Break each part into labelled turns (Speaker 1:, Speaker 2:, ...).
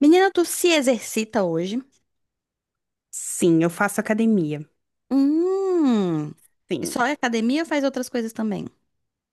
Speaker 1: Menina, tu se exercita hoje?
Speaker 2: Sim, eu faço academia.
Speaker 1: Hum. E
Speaker 2: Sim,
Speaker 1: só é academia ou faz outras coisas também?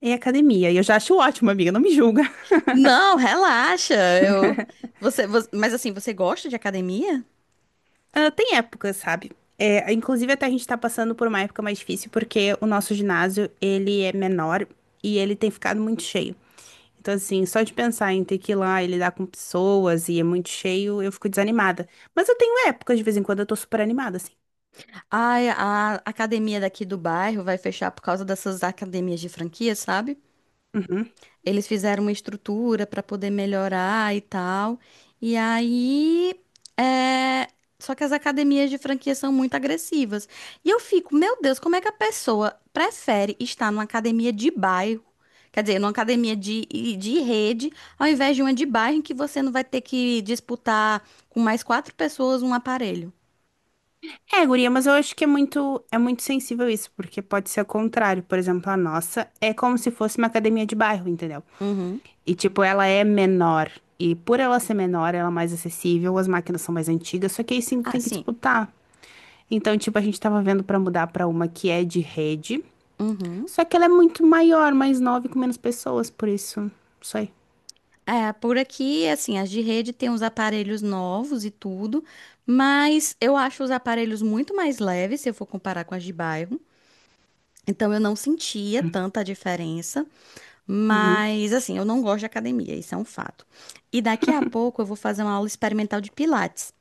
Speaker 2: é academia. E eu já acho ótimo, amiga, não me julga.
Speaker 1: Não, relaxa. Eu mas assim, você gosta de academia?
Speaker 2: Ah, tem épocas, sabe? É, inclusive, até a gente tá passando por uma época mais difícil porque o nosso ginásio, ele é menor e ele tem ficado muito cheio. Então, assim, só de pensar em ter que ir lá e lidar com pessoas e é muito cheio, eu fico desanimada. Mas eu tenho épocas, de vez em quando, eu tô super animada, assim.
Speaker 1: Ai, a academia daqui do bairro vai fechar por causa dessas academias de franquia, sabe?
Speaker 2: Uhum.
Speaker 1: Eles fizeram uma estrutura para poder melhorar e tal. E aí, é, só que as academias de franquia são muito agressivas. E eu fico, meu Deus, como é que a pessoa prefere estar numa academia de bairro, quer dizer, numa academia de rede, ao invés de uma de bairro em que você não vai ter que disputar com mais quatro pessoas um aparelho?
Speaker 2: É, guria, mas eu acho que é muito sensível isso, porque pode ser o contrário. Por exemplo, a nossa é como se fosse uma academia de bairro, entendeu?
Speaker 1: Uhum.
Speaker 2: E, tipo, ela é menor. E por ela ser menor, ela é mais acessível, as máquinas são mais antigas, só que aí sim tu
Speaker 1: Ah,
Speaker 2: tem que
Speaker 1: sim.
Speaker 2: disputar. Então, tipo, a gente tava vendo pra mudar pra uma que é de rede,
Speaker 1: Uhum.
Speaker 2: só que ela é muito maior, mais nova e com menos pessoas, por isso, isso aí.
Speaker 1: É, por aqui, assim, as de rede tem uns aparelhos novos e tudo, mas eu acho os aparelhos muito mais leves se eu for comparar com as de bairro. Então eu não sentia tanta diferença,
Speaker 2: Uhum.
Speaker 1: mas assim, eu não gosto de academia, isso é um fato. E daqui a pouco eu vou fazer uma aula experimental de pilates.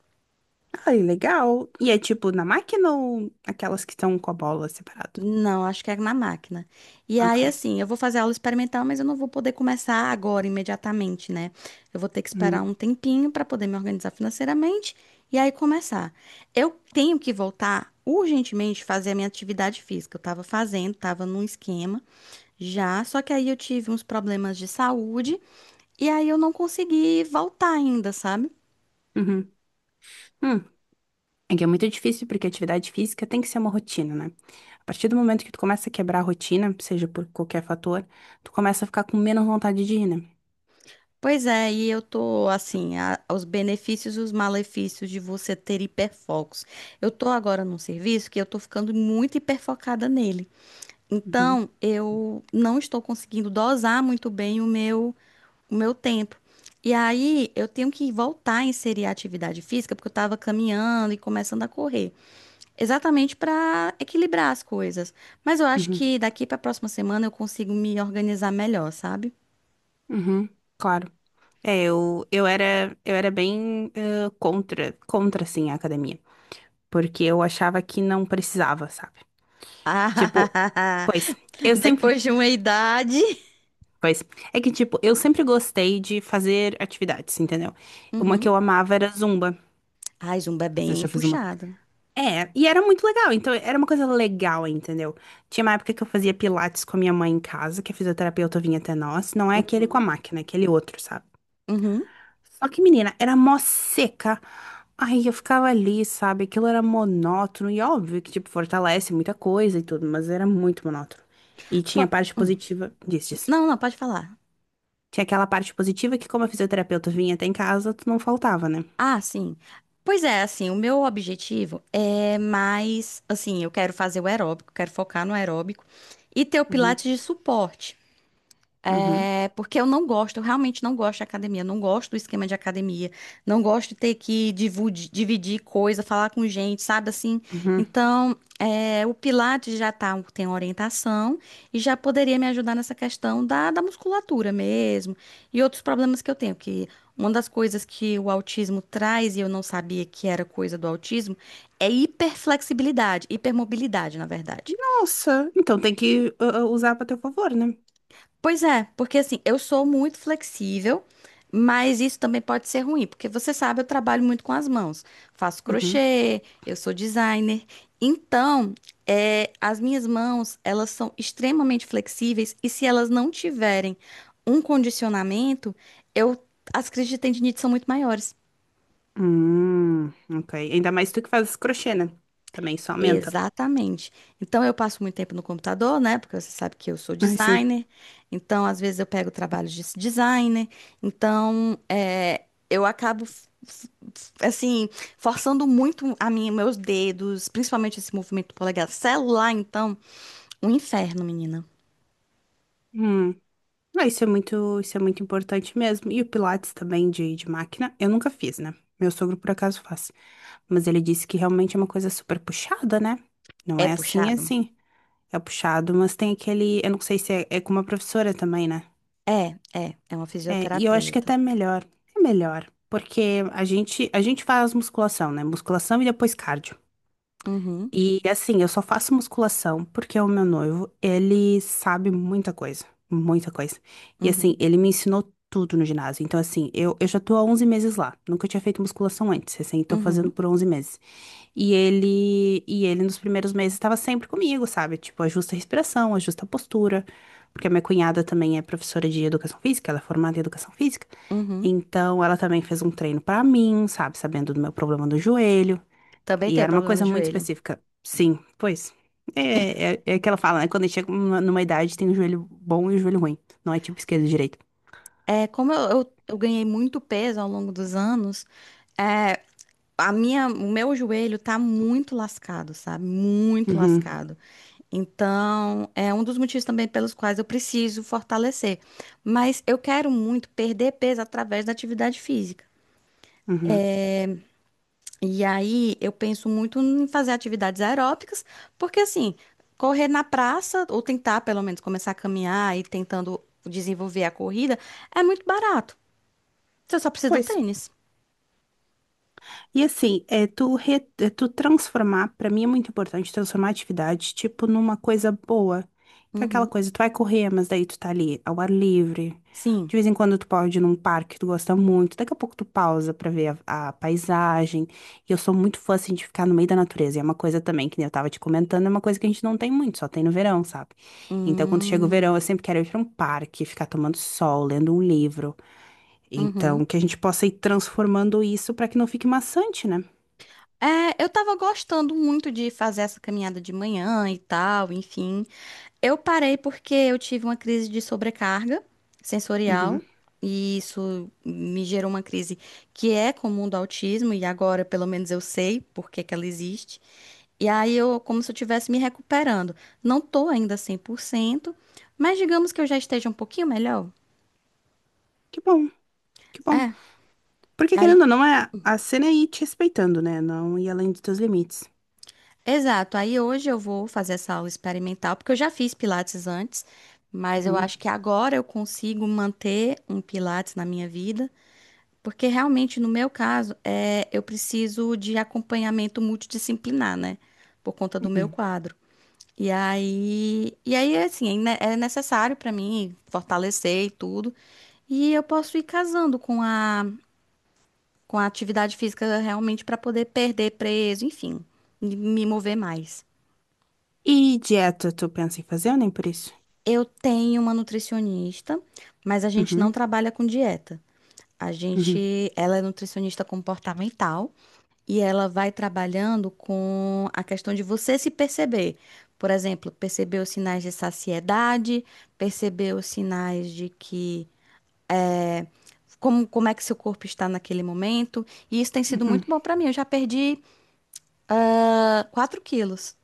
Speaker 2: Ai, legal. E é tipo na máquina ou aquelas que estão com a bola separado?
Speaker 1: Não, acho que é na máquina. E aí,
Speaker 2: Ok.
Speaker 1: assim, eu vou fazer aula experimental, mas eu não vou poder começar agora, imediatamente, né? Eu vou ter que esperar
Speaker 2: Uhum.
Speaker 1: um tempinho para poder me organizar financeiramente e aí começar. Eu tenho que voltar urgentemente fazer a minha atividade física. Eu estava fazendo, estava num esquema já, só que aí eu tive uns problemas de saúde e aí eu não consegui voltar ainda, sabe?
Speaker 2: Uhum. Hum. É que é muito difícil porque atividade física tem que ser uma rotina, né? A partir do momento que tu começa a quebrar a rotina, seja por qualquer fator, tu começa a ficar com menos vontade de ir, né?
Speaker 1: Pois é, e eu tô assim, os benefícios e os malefícios de você ter hiperfocos. Eu tô agora num serviço que eu tô ficando muito hiperfocada nele.
Speaker 2: Uhum,
Speaker 1: Então, eu não estou conseguindo dosar muito bem o meu, tempo. E aí, eu tenho que voltar a inserir a atividade física, porque eu tava caminhando e começando a correr, exatamente para equilibrar as coisas. Mas eu acho
Speaker 2: uhum,
Speaker 1: que daqui para a próxima semana eu consigo me organizar melhor, sabe?
Speaker 2: uhum, claro. É, eu era bem contra, assim, a academia. Porque eu achava que não precisava, sabe? Tipo, pois, eu sempre,
Speaker 1: Depois de uma idade.
Speaker 2: pois é que, tipo, eu sempre gostei de fazer atividades, entendeu? Uma que
Speaker 1: Uhum.
Speaker 2: eu amava era Zumba.
Speaker 1: Ai, Zumba é
Speaker 2: Você
Speaker 1: bem
Speaker 2: já fez uma.
Speaker 1: puxado.
Speaker 2: É, e era muito legal, então era uma coisa legal, entendeu? Tinha uma época que eu fazia pilates com a minha mãe em casa, que a fisioterapeuta vinha até nós. Não é aquele com a
Speaker 1: Uhum.
Speaker 2: máquina, é aquele outro, sabe?
Speaker 1: Uhum.
Speaker 2: Só que, menina, era mó seca. Ai, eu ficava ali, sabe? Aquilo era monótono e óbvio que, tipo, fortalece muita coisa e tudo, mas era muito monótono. E tinha a parte
Speaker 1: Hum.
Speaker 2: positiva disso.
Speaker 1: Não, não, pode falar.
Speaker 2: Tinha aquela parte positiva que, como a fisioterapeuta vinha até em casa, tu não faltava, né?
Speaker 1: Ah, sim. Pois é, assim, o meu objetivo é mais, assim, eu quero fazer o aeróbico, quero focar no aeróbico e ter o
Speaker 2: Uhum,
Speaker 1: pilates de suporte.
Speaker 2: uhum,
Speaker 1: É, porque eu não gosto, eu realmente não gosto de academia, não gosto do esquema de academia, não gosto de ter que dividir coisa, falar com gente, sabe assim?
Speaker 2: uhum.
Speaker 1: Então, o Pilates já tá, tem orientação e já poderia me ajudar nessa questão da musculatura mesmo e outros problemas que eu tenho, que uma das coisas que o autismo traz e eu não sabia que era coisa do autismo é hiperflexibilidade, hipermobilidade, na verdade.
Speaker 2: Nossa, então tem que usar pra teu favor, né?
Speaker 1: Pois é, porque assim, eu sou muito flexível, mas isso também pode ser ruim, porque você sabe, eu trabalho muito com as mãos. Faço
Speaker 2: Uhum.
Speaker 1: crochê, eu sou designer. Então, as minhas mãos, elas são extremamente flexíveis e se elas não tiverem um condicionamento, eu, as crises de tendinite são muito maiores.
Speaker 2: Hum, ok. Ainda mais tu que faz crochê, né? Também isso aumenta.
Speaker 1: Exatamente. Então eu passo muito tempo no computador, né? Porque você sabe que eu sou
Speaker 2: Ai, sim.
Speaker 1: designer. Então, às vezes, eu pego trabalho de designer. Então, eu acabo assim, forçando muito a minha, meus dedos, principalmente esse movimento do polegar. Celular, então, um inferno, menina.
Speaker 2: Hum. Ah, isso é muito importante mesmo. E o Pilates também de máquina, eu nunca fiz, né? Meu sogro por acaso faz. Mas ele disse que realmente é uma coisa super puxada, né? Não
Speaker 1: É
Speaker 2: é assim, é
Speaker 1: puxado?
Speaker 2: assim. É puxado, mas tem aquele. Eu não sei se é, é com uma professora também, né?
Speaker 1: É, é uma
Speaker 2: É, e eu acho que
Speaker 1: fisioterapeuta.
Speaker 2: até melhor. É melhor, porque a gente faz musculação, né? Musculação e depois cardio.
Speaker 1: Uhum,
Speaker 2: E assim, eu só faço musculação porque o meu noivo, ele sabe muita coisa, muita coisa. E assim,
Speaker 1: uhum,
Speaker 2: ele me ensinou tudo no ginásio. Então assim, eu já tô há 11 meses lá. Nunca tinha feito musculação antes, assim, tô fazendo
Speaker 1: uhum,
Speaker 2: por 11 meses. E ele nos primeiros meses estava sempre comigo, sabe? Tipo, ajusta a respiração, ajusta a postura, porque a minha cunhada também é professora de educação física, ela é formada em educação física.
Speaker 1: uhum.
Speaker 2: Então, ela também fez um treino pra mim, sabe? Sabendo do meu problema do joelho.
Speaker 1: Também
Speaker 2: E
Speaker 1: tenho
Speaker 2: era uma
Speaker 1: problema no
Speaker 2: coisa muito
Speaker 1: joelho.
Speaker 2: específica. Sim, pois. É, é, é que ela fala, né? Quando a gente chega numa idade, tem o joelho bom e o joelho ruim. Não é tipo esquerdo e direito.
Speaker 1: É, como eu ganhei muito peso ao longo dos anos, é, a minha, o meu joelho tá muito lascado, sabe? Muito
Speaker 2: Uhum,
Speaker 1: lascado. Então, é um dos motivos também pelos quais eu preciso fortalecer. Mas eu quero muito perder peso através da atividade física.
Speaker 2: uhum.
Speaker 1: E aí, eu penso muito em fazer atividades aeróbicas, porque assim, correr na praça, ou tentar pelo menos começar a caminhar e tentando desenvolver a corrida, é muito barato. Você só precisa do
Speaker 2: Pois.
Speaker 1: tênis.
Speaker 2: E assim, é tu, é tu transformar, pra mim é muito importante transformar a atividade, tipo, numa coisa boa. Então, aquela
Speaker 1: Uhum.
Speaker 2: coisa, tu vai correr, mas daí tu tá ali ao ar livre.
Speaker 1: Sim.
Speaker 2: De vez em quando tu pode ir num parque que tu gosta muito. Daqui a pouco tu pausa pra ver a paisagem. E eu sou muito fã, assim, de ficar no meio da natureza. E é uma coisa também, que nem eu tava te comentando, é uma coisa que a gente não tem muito, só tem no verão, sabe? Então, quando chega o
Speaker 1: Hum,
Speaker 2: verão, eu sempre quero ir pra um parque, ficar tomando sol, lendo um livro. Então,
Speaker 1: uhum.
Speaker 2: que a gente possa ir transformando isso pra que não fique maçante, né?
Speaker 1: É, eu tava gostando muito de fazer essa caminhada de manhã e tal, enfim. Eu parei porque eu tive uma crise de sobrecarga
Speaker 2: Uhum.
Speaker 1: sensorial e isso me gerou uma crise que é comum do autismo e agora pelo menos eu sei por que que ela existe. E aí eu como se eu estivesse me recuperando. Não tô ainda 100%, mas digamos que eu já esteja um pouquinho melhor.
Speaker 2: Que bom, que bom.
Speaker 1: É.
Speaker 2: Porque querendo ou não, é a cena é ir te respeitando, né? Não ir além dos teus limites.
Speaker 1: Exato. Aí hoje eu vou fazer essa aula experimental, porque eu já fiz pilates antes, mas eu
Speaker 2: Uhum.
Speaker 1: acho que agora eu consigo manter um pilates na minha vida, porque realmente no meu caso, eu preciso de acompanhamento multidisciplinar, né? Por conta do meu
Speaker 2: Uhum.
Speaker 1: quadro. E aí assim, é necessário para mim fortalecer e tudo, e eu posso ir casando com a atividade física realmente para poder perder peso, enfim, e me mover mais.
Speaker 2: E dieta, tu pensa em fazer ou nem por isso?
Speaker 1: Eu tenho uma nutricionista, mas a gente não
Speaker 2: Uhum.
Speaker 1: trabalha com dieta. A
Speaker 2: Uhum.
Speaker 1: gente, ela é nutricionista comportamental e ela vai trabalhando com a questão de você se perceber. Por exemplo, perceber os sinais de saciedade, perceber os sinais de que como é que seu corpo está naquele momento. E isso tem sido muito
Speaker 2: Uhum.
Speaker 1: bom para mim. Eu já perdi, 4 quilos.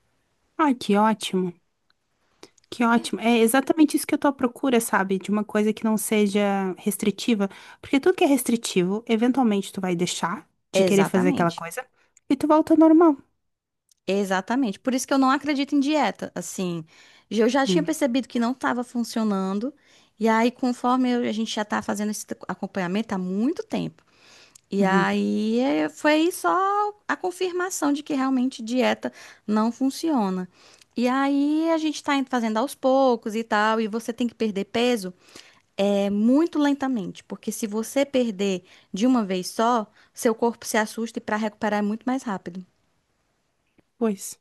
Speaker 2: Ai, que ótimo, que ótimo. É exatamente isso que eu tô à procura, sabe? De uma coisa que não seja restritiva. Porque tudo que é restritivo, eventualmente tu vai deixar de querer fazer aquela
Speaker 1: Exatamente.
Speaker 2: coisa e tu volta ao normal.
Speaker 1: Exatamente. Por isso que eu não acredito em dieta. Assim, eu já tinha
Speaker 2: Uhum.
Speaker 1: percebido que não estava funcionando. E aí, conforme a gente já tá fazendo esse acompanhamento há muito tempo. E
Speaker 2: Uhum.
Speaker 1: aí foi só a confirmação de que realmente dieta não funciona. E aí a gente tá indo fazendo aos poucos e tal, e você tem que perder peso é muito lentamente, porque se você perder de uma vez só, seu corpo se assusta e para recuperar é muito mais rápido.
Speaker 2: Pois.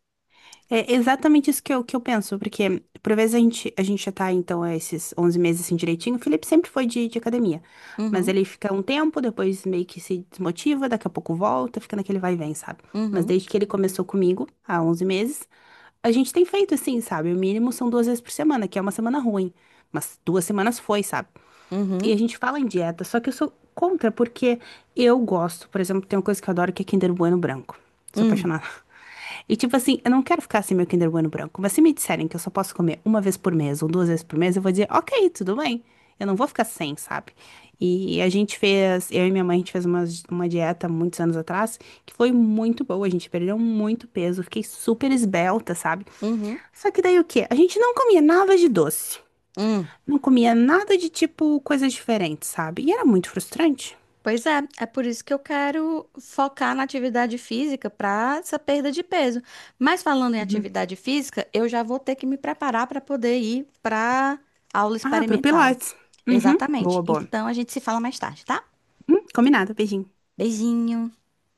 Speaker 2: É exatamente isso que eu penso, porque por vezes a gente já tá, então, é, esses 11 meses assim direitinho. O Felipe sempre foi de academia, mas
Speaker 1: Uhum,
Speaker 2: ele fica um tempo, depois meio que se desmotiva, daqui a pouco volta, fica naquele vai e vem, sabe? Mas
Speaker 1: uhum,
Speaker 2: desde que ele começou comigo, há 11 meses, a gente tem feito assim, sabe? O mínimo são duas vezes por semana, que é uma semana ruim, mas duas semanas foi, sabe? E
Speaker 1: uhum.
Speaker 2: a gente fala em dieta, só que eu sou contra, porque eu gosto, por exemplo, tem uma coisa que eu adoro que é Kinder Bueno branco. Sou
Speaker 1: Hum,
Speaker 2: apaixonada e tipo assim, eu não quero ficar assim meu Kinder Bueno branco, mas se me disserem que eu só posso comer uma vez por mês ou duas vezes por mês, eu vou dizer, ok, tudo bem. Eu não vou ficar sem, sabe? E a gente fez, eu e minha mãe, a gente fez uma dieta muitos anos atrás, que foi muito boa, a gente perdeu muito peso, fiquei super esbelta, sabe?
Speaker 1: uhum,
Speaker 2: Só que daí o quê? A gente não comia nada de doce,
Speaker 1: hum.
Speaker 2: não comia nada de tipo coisas diferentes, sabe? E era muito frustrante.
Speaker 1: Pois é, é por isso que eu quero focar na atividade física para essa perda de peso. Mas falando em
Speaker 2: Uhum.
Speaker 1: atividade física, eu já vou ter que me preparar para poder ir para aula
Speaker 2: Ah, pro
Speaker 1: experimental.
Speaker 2: Pilates. Uhum,
Speaker 1: Exatamente.
Speaker 2: boa, boa.
Speaker 1: Então a gente se fala mais tarde, tá?
Speaker 2: Combinado, beijinho.
Speaker 1: Beijinho.